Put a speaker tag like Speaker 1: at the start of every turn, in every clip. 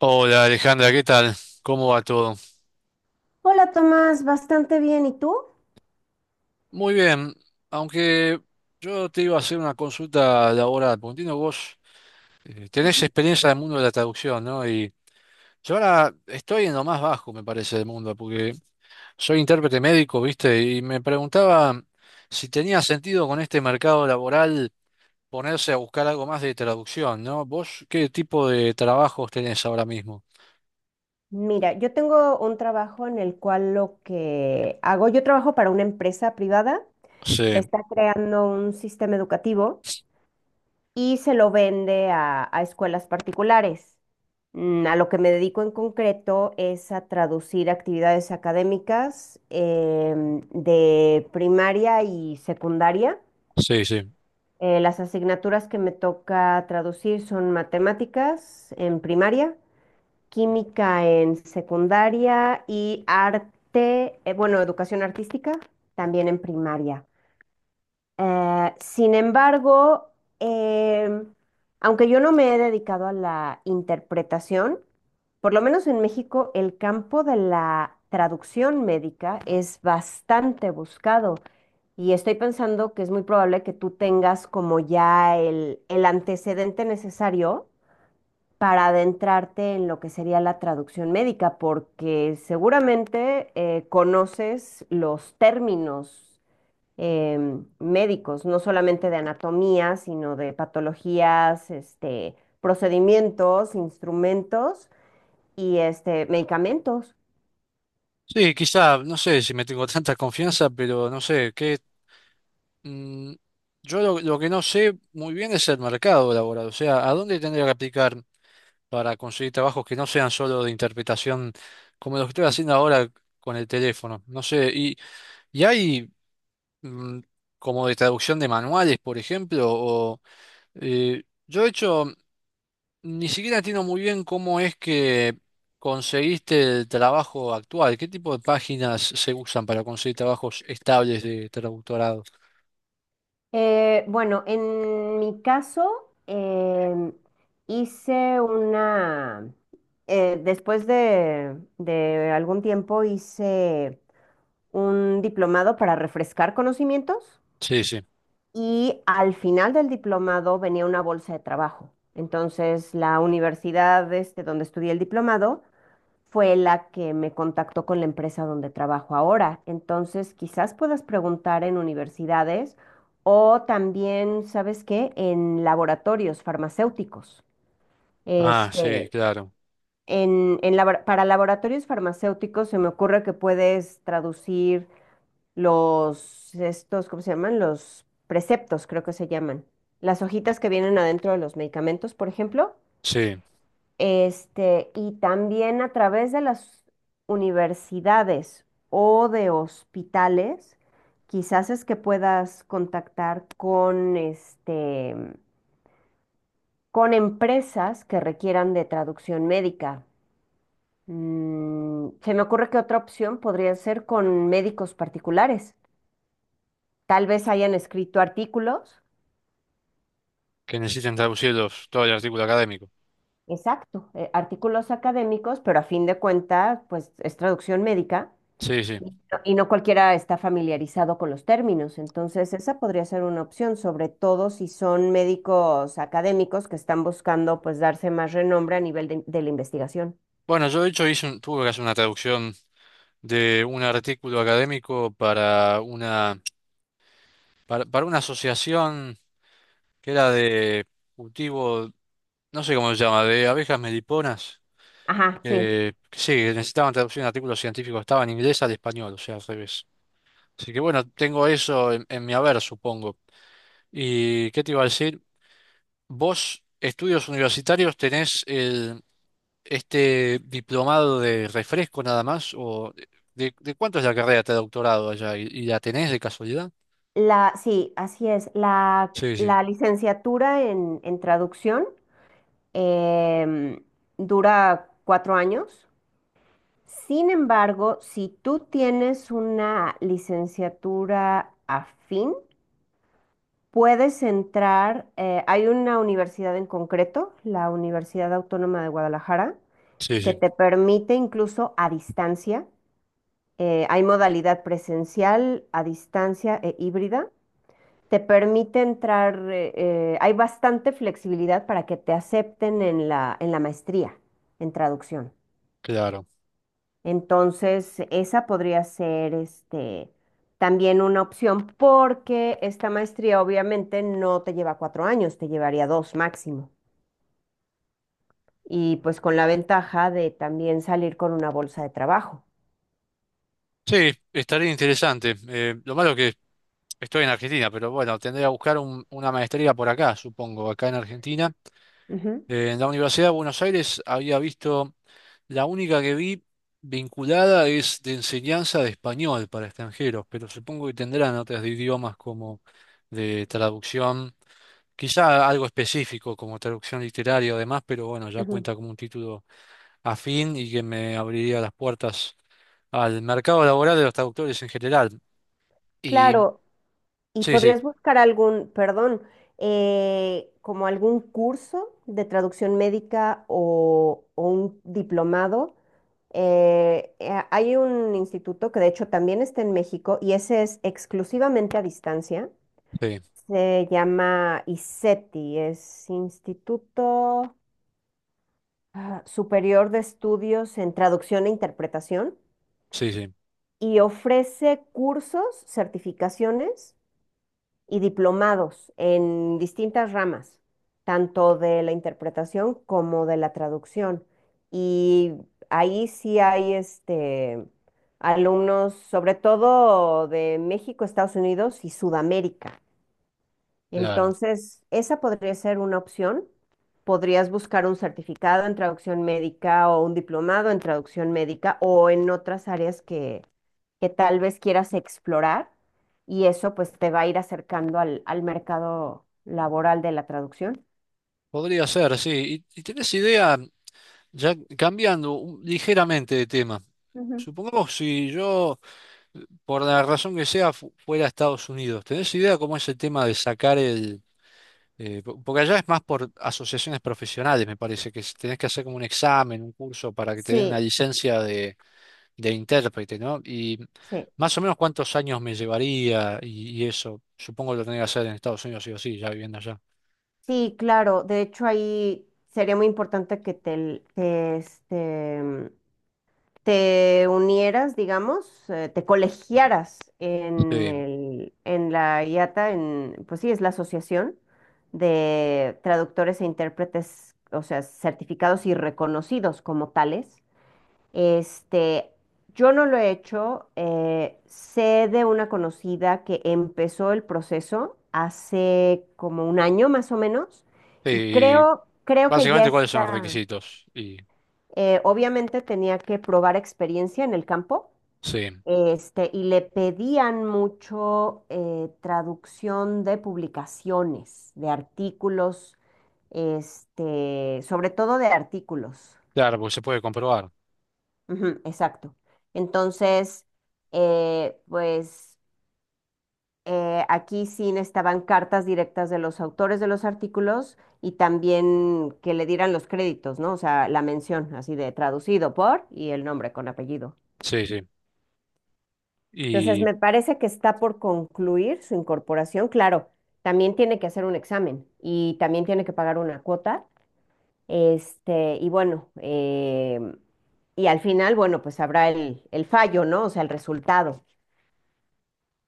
Speaker 1: Hola Alejandra, ¿qué tal? ¿Cómo va todo?
Speaker 2: Hola Tomás, bastante bien. ¿Y tú?
Speaker 1: Muy bien, aunque yo te iba a hacer una consulta laboral, porque entiendo que vos tenés
Speaker 2: Ujú.
Speaker 1: experiencia en el mundo de la traducción, ¿no? Y yo ahora estoy en lo más bajo, me parece, del mundo, porque soy intérprete médico, ¿viste? Y me preguntaba si tenía sentido con este mercado laboral ponerse a buscar algo más de traducción, ¿no? ¿Vos qué tipo de trabajos tenés ahora mismo?
Speaker 2: Mira, yo tengo un trabajo en el cual lo que hago, yo trabajo para una empresa privada que
Speaker 1: Sí,
Speaker 2: está creando un sistema educativo y se lo vende a escuelas particulares. A lo que me dedico en concreto es a traducir actividades académicas de primaria y secundaria.
Speaker 1: sí, sí.
Speaker 2: Las asignaturas que me toca traducir son matemáticas en primaria, química en secundaria y arte, bueno, educación artística también en primaria. Sin embargo, eh, aunque yo no me he dedicado a la interpretación, por lo menos en México el campo de la traducción médica es bastante buscado. Y estoy pensando que es muy probable que tú tengas como ya el antecedente necesario para adentrarte en lo que sería la traducción médica, porque seguramente conoces los términos médicos, no solamente de anatomía, sino de patologías, este, procedimientos, instrumentos y este, medicamentos.
Speaker 1: Sí, quizá, no sé si me tengo tanta confianza, pero no sé, ¿qué Mm, yo lo que no sé muy bien es el mercado laboral, o sea, ¿a dónde tendría que aplicar para conseguir trabajos que no sean solo de interpretación como los que estoy haciendo ahora con el teléfono? No sé, ¿y hay mm, como de traducción de manuales, por ejemplo? O, eh, yo de hecho ni siquiera entiendo muy bien cómo es que conseguiste el trabajo actual, qué tipo de páginas se usan para conseguir trabajos estables de traductorado.
Speaker 2: Bueno, en mi caso, hice después de algún tiempo, hice un diplomado para refrescar conocimientos
Speaker 1: Sí, sí.
Speaker 2: y al final del diplomado venía una bolsa de trabajo. Entonces, la universidad este, donde estudié el diplomado fue la que me contactó con la empresa donde trabajo ahora. Entonces, quizás puedas preguntar en universidades o también, ¿sabes qué? En laboratorios farmacéuticos.
Speaker 1: Ah, sí,
Speaker 2: Este,
Speaker 1: claro.
Speaker 2: para laboratorios farmacéuticos se me ocurre que puedes traducir los, estos, ¿cómo se llaman? Los preceptos, creo que se llaman. Las hojitas que vienen adentro de los medicamentos, por ejemplo.
Speaker 1: Sí,
Speaker 2: Este, y también a través de las universidades o de hospitales, quizás es que puedas contactar con este, con empresas que requieran de traducción médica. Se me ocurre que otra opción podría ser con médicos particulares. Tal vez hayan escrito artículos.
Speaker 1: que necesiten traducirlos todo el artículo académico.
Speaker 2: Exacto, artículos académicos, pero a fin de cuentas, pues es traducción médica
Speaker 1: Sí, sí.
Speaker 2: y no cualquiera está familiarizado con los términos. Entonces, esa podría ser una opción, sobre todo si son médicos académicos que están buscando pues darse más renombre a nivel de la investigación.
Speaker 1: Bueno, yo de hecho tuve que hacer una traducción de un artículo académico para una asociación que era de cultivo, no sé cómo se llama, de abejas meliponas.
Speaker 2: Ajá, sí.
Speaker 1: Que sí, que necesitaban traducción de artículos científicos, estaba en inglés al español, o sea, al revés. Así que bueno, tengo eso en mi haber, supongo. ¿Y qué te iba a decir? ¿Vos, estudios universitarios, tenés este diplomado de refresco nada más? ¿O de cuánto es la carrera de doctorado allá? Y la tenés de casualidad?
Speaker 2: Sí, así es. La,
Speaker 1: Sí, sí,
Speaker 2: la licenciatura en traducción em, dura cuatro años. Sin embargo, si tú tienes una licenciatura afín, puedes entrar. Eh, hay una universidad en concreto, la Universidad Autónoma de Guadalajara,
Speaker 1: sí,
Speaker 2: que
Speaker 1: sí,
Speaker 2: te permite incluso a distancia. Eh, hay modalidad presencial, a distancia e híbrida. Te permite entrar, hay bastante flexibilidad para que te acepten en la maestría en traducción.
Speaker 1: claro.
Speaker 2: Entonces, esa podría ser este, también una opción porque esta maestría obviamente no te lleva cuatro años, te llevaría dos máximo. Y pues con la ventaja de también salir con una bolsa de trabajo.
Speaker 1: Sí, estaría interesante. Lo malo que estoy en Argentina, pero bueno, tendré que una maestría por acá, supongo, acá en Argentina.
Speaker 2: Ujú,
Speaker 1: En la Universidad de Buenos Aires había visto. La única que vi vinculada es de enseñanza de español para extranjeros, pero supongo que tendrán otras de idiomas como de traducción, quizá algo específico como traducción literaria o demás, pero bueno, ya
Speaker 2: ujú.
Speaker 1: cuenta como un título afín y que me abriría las puertas al mercado laboral de los traductores en general. Y
Speaker 2: Claro, y
Speaker 1: sí, sí,
Speaker 2: podrías buscar perdón, como algún curso de traducción médica o un diplomado. Hay un instituto que de hecho también está en México y ese es exclusivamente a distancia.
Speaker 1: sí,
Speaker 2: Se llama ISETI, es Instituto Superior de Estudios en Traducción e Interpretación
Speaker 1: sí, sí,
Speaker 2: y ofrece cursos, certificaciones y diplomados en distintas ramas, tanto de la interpretación como de la traducción. Y ahí sí hay este, alumnos, sobre todo de México, Estados Unidos y Sudamérica.
Speaker 1: claro.
Speaker 2: Entonces, esa podría ser una opción. Podrías buscar un certificado en traducción médica o un diplomado en traducción médica o en otras áreas que tal vez quieras explorar y eso pues te va a ir acercando al mercado laboral de la traducción.
Speaker 1: Podría ser, sí. Y tenés idea, ya cambiando ligeramente de tema?
Speaker 2: Ujú.
Speaker 1: Supongamos si yo por la razón que sea, fuera a Estados Unidos. ¿Tenés idea cómo es el tema de sacar el... porque allá es más por asociaciones profesionales, me parece, que tenés que hacer como un examen, un curso para que te den
Speaker 2: Sí,
Speaker 1: la licencia de intérprete, ¿no? Y
Speaker 2: sí,
Speaker 1: más o menos cuántos años me llevaría y eso, supongo lo tenés que hacer en Estados Unidos, sí o sí, ya viviendo allá.
Speaker 2: sí, claro. De hecho, ahí sería muy importante que te unieras, digamos, te colegiaras en
Speaker 1: Sí.
Speaker 2: el, en la IATA, pues sí, es la asociación de traductores e intérpretes, o sea, certificados y reconocidos como tales. Este, yo no lo he hecho. Eh, sé de una conocida que empezó el proceso hace como un año más o menos y
Speaker 1: Y
Speaker 2: creo que ya
Speaker 1: básicamente cuáles son los
Speaker 2: está.
Speaker 1: requisitos. Y
Speaker 2: Obviamente tenía que probar experiencia en el campo.
Speaker 1: sí,
Speaker 2: Este, y le pedían mucho traducción de publicaciones, de artículos, este, sobre todo de artículos.
Speaker 1: claro, porque se puede comprobar.
Speaker 2: Ujú, exacto. Entonces, pues aquí sí estaban cartas directas de los autores de los artículos y también que le dieran los créditos, ¿no? O sea, la mención así de traducido por y el nombre con apellido.
Speaker 1: Sí,
Speaker 2: Entonces,
Speaker 1: sí.
Speaker 2: me parece que está por concluir su incorporación. Claro, también tiene que hacer un examen y también tiene que pagar una cuota. Este, y bueno, y al final, bueno, pues habrá el fallo, ¿no? O sea, el resultado.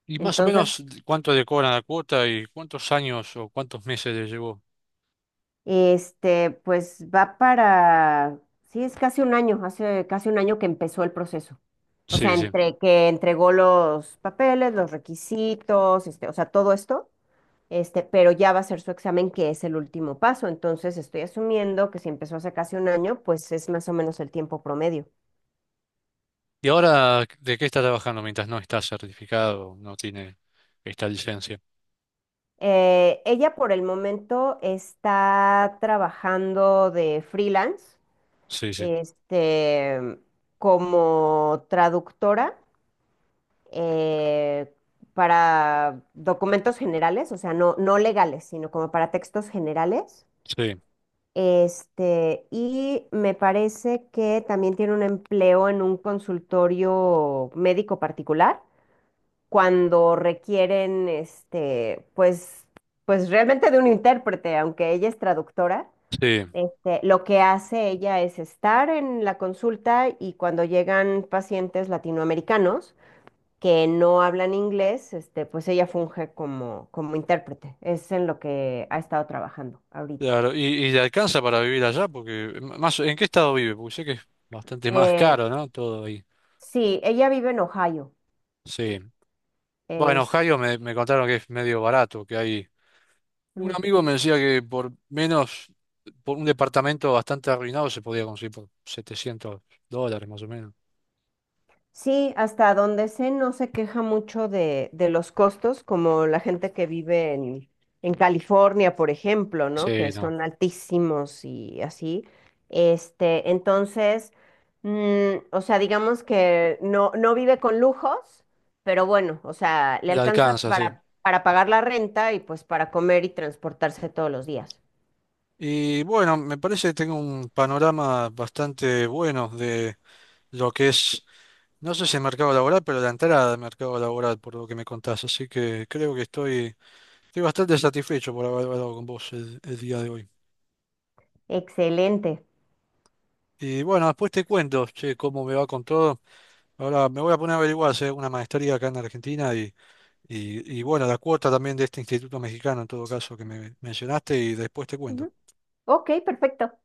Speaker 1: ¿Y más o
Speaker 2: Entonces,
Speaker 1: menos cuánto le cobran la cuota y cuántos años o cuántos meses le llevó?
Speaker 2: este, pues va para, sí, es casi un año, hace casi un año que empezó el proceso. O sea,
Speaker 1: Sí, sí.
Speaker 2: entre que entregó los papeles, los requisitos, este, o sea, todo esto, este, pero ya va a ser su examen, que es el último paso. Entonces, estoy asumiendo que si empezó hace casi un año, pues es más o menos el tiempo promedio.
Speaker 1: ¿Y ahora de qué está trabajando mientras no está certificado, no tiene esta licencia?
Speaker 2: Ella por el momento está trabajando de freelance,
Speaker 1: Sí, sí,
Speaker 2: este, como traductora eh, para documentos generales, o sea, no, no legales, sino como para textos generales.
Speaker 1: sí,
Speaker 2: Este, y me parece que también tiene un empleo en un consultorio médico particular cuando requieren, este, pues realmente de un intérprete, aunque ella es traductora.
Speaker 1: sí.
Speaker 2: Este, lo que hace ella es estar en la consulta y cuando llegan pacientes latinoamericanos que no hablan inglés, este, pues ella funge como intérprete. Es en lo que ha estado trabajando ahorita.
Speaker 1: Claro, y le alcanza para vivir allá? Porque más, ¿en qué estado vive? Porque sé que es bastante más
Speaker 2: Eh,
Speaker 1: caro, ¿no? Todo ahí.
Speaker 2: Sí, ella vive en Ohio.
Speaker 1: Sí. Bueno, en
Speaker 2: Es,
Speaker 1: Ohio me contaron que es medio barato, que hay... Un
Speaker 2: Ujú.
Speaker 1: amigo me decía que por menos, por un departamento bastante arruinado se podía conseguir por $700 más o menos.
Speaker 2: Sí, hasta donde sé, no se queja mucho de los costos, como la gente que vive en California, por ejemplo, ¿no? Que
Speaker 1: Sí, no,
Speaker 2: son altísimos y así. Este, entonces, o sea, digamos que no, no vive con lujos, pero bueno, o sea, le
Speaker 1: la
Speaker 2: alcanza
Speaker 1: alcanza, sí.
Speaker 2: para pagar la renta y pues para comer y transportarse todos los días.
Speaker 1: Y bueno, me parece que tengo un panorama bastante bueno de lo que es, no sé si el mercado laboral, pero la entrada al mercado laboral, por lo que me contás. Así que creo que estoy, estoy bastante satisfecho por haber hablado con vos el día de hoy.
Speaker 2: Excelente.
Speaker 1: Y bueno, después te cuento, che, cómo me va con todo. Ahora me voy a poner a averiguar si hay una maestría acá en Argentina y bueno, la cuota también de este instituto mexicano, en todo caso, que me mencionaste, y después te cuento.
Speaker 2: Ujú. Ok, perfecto.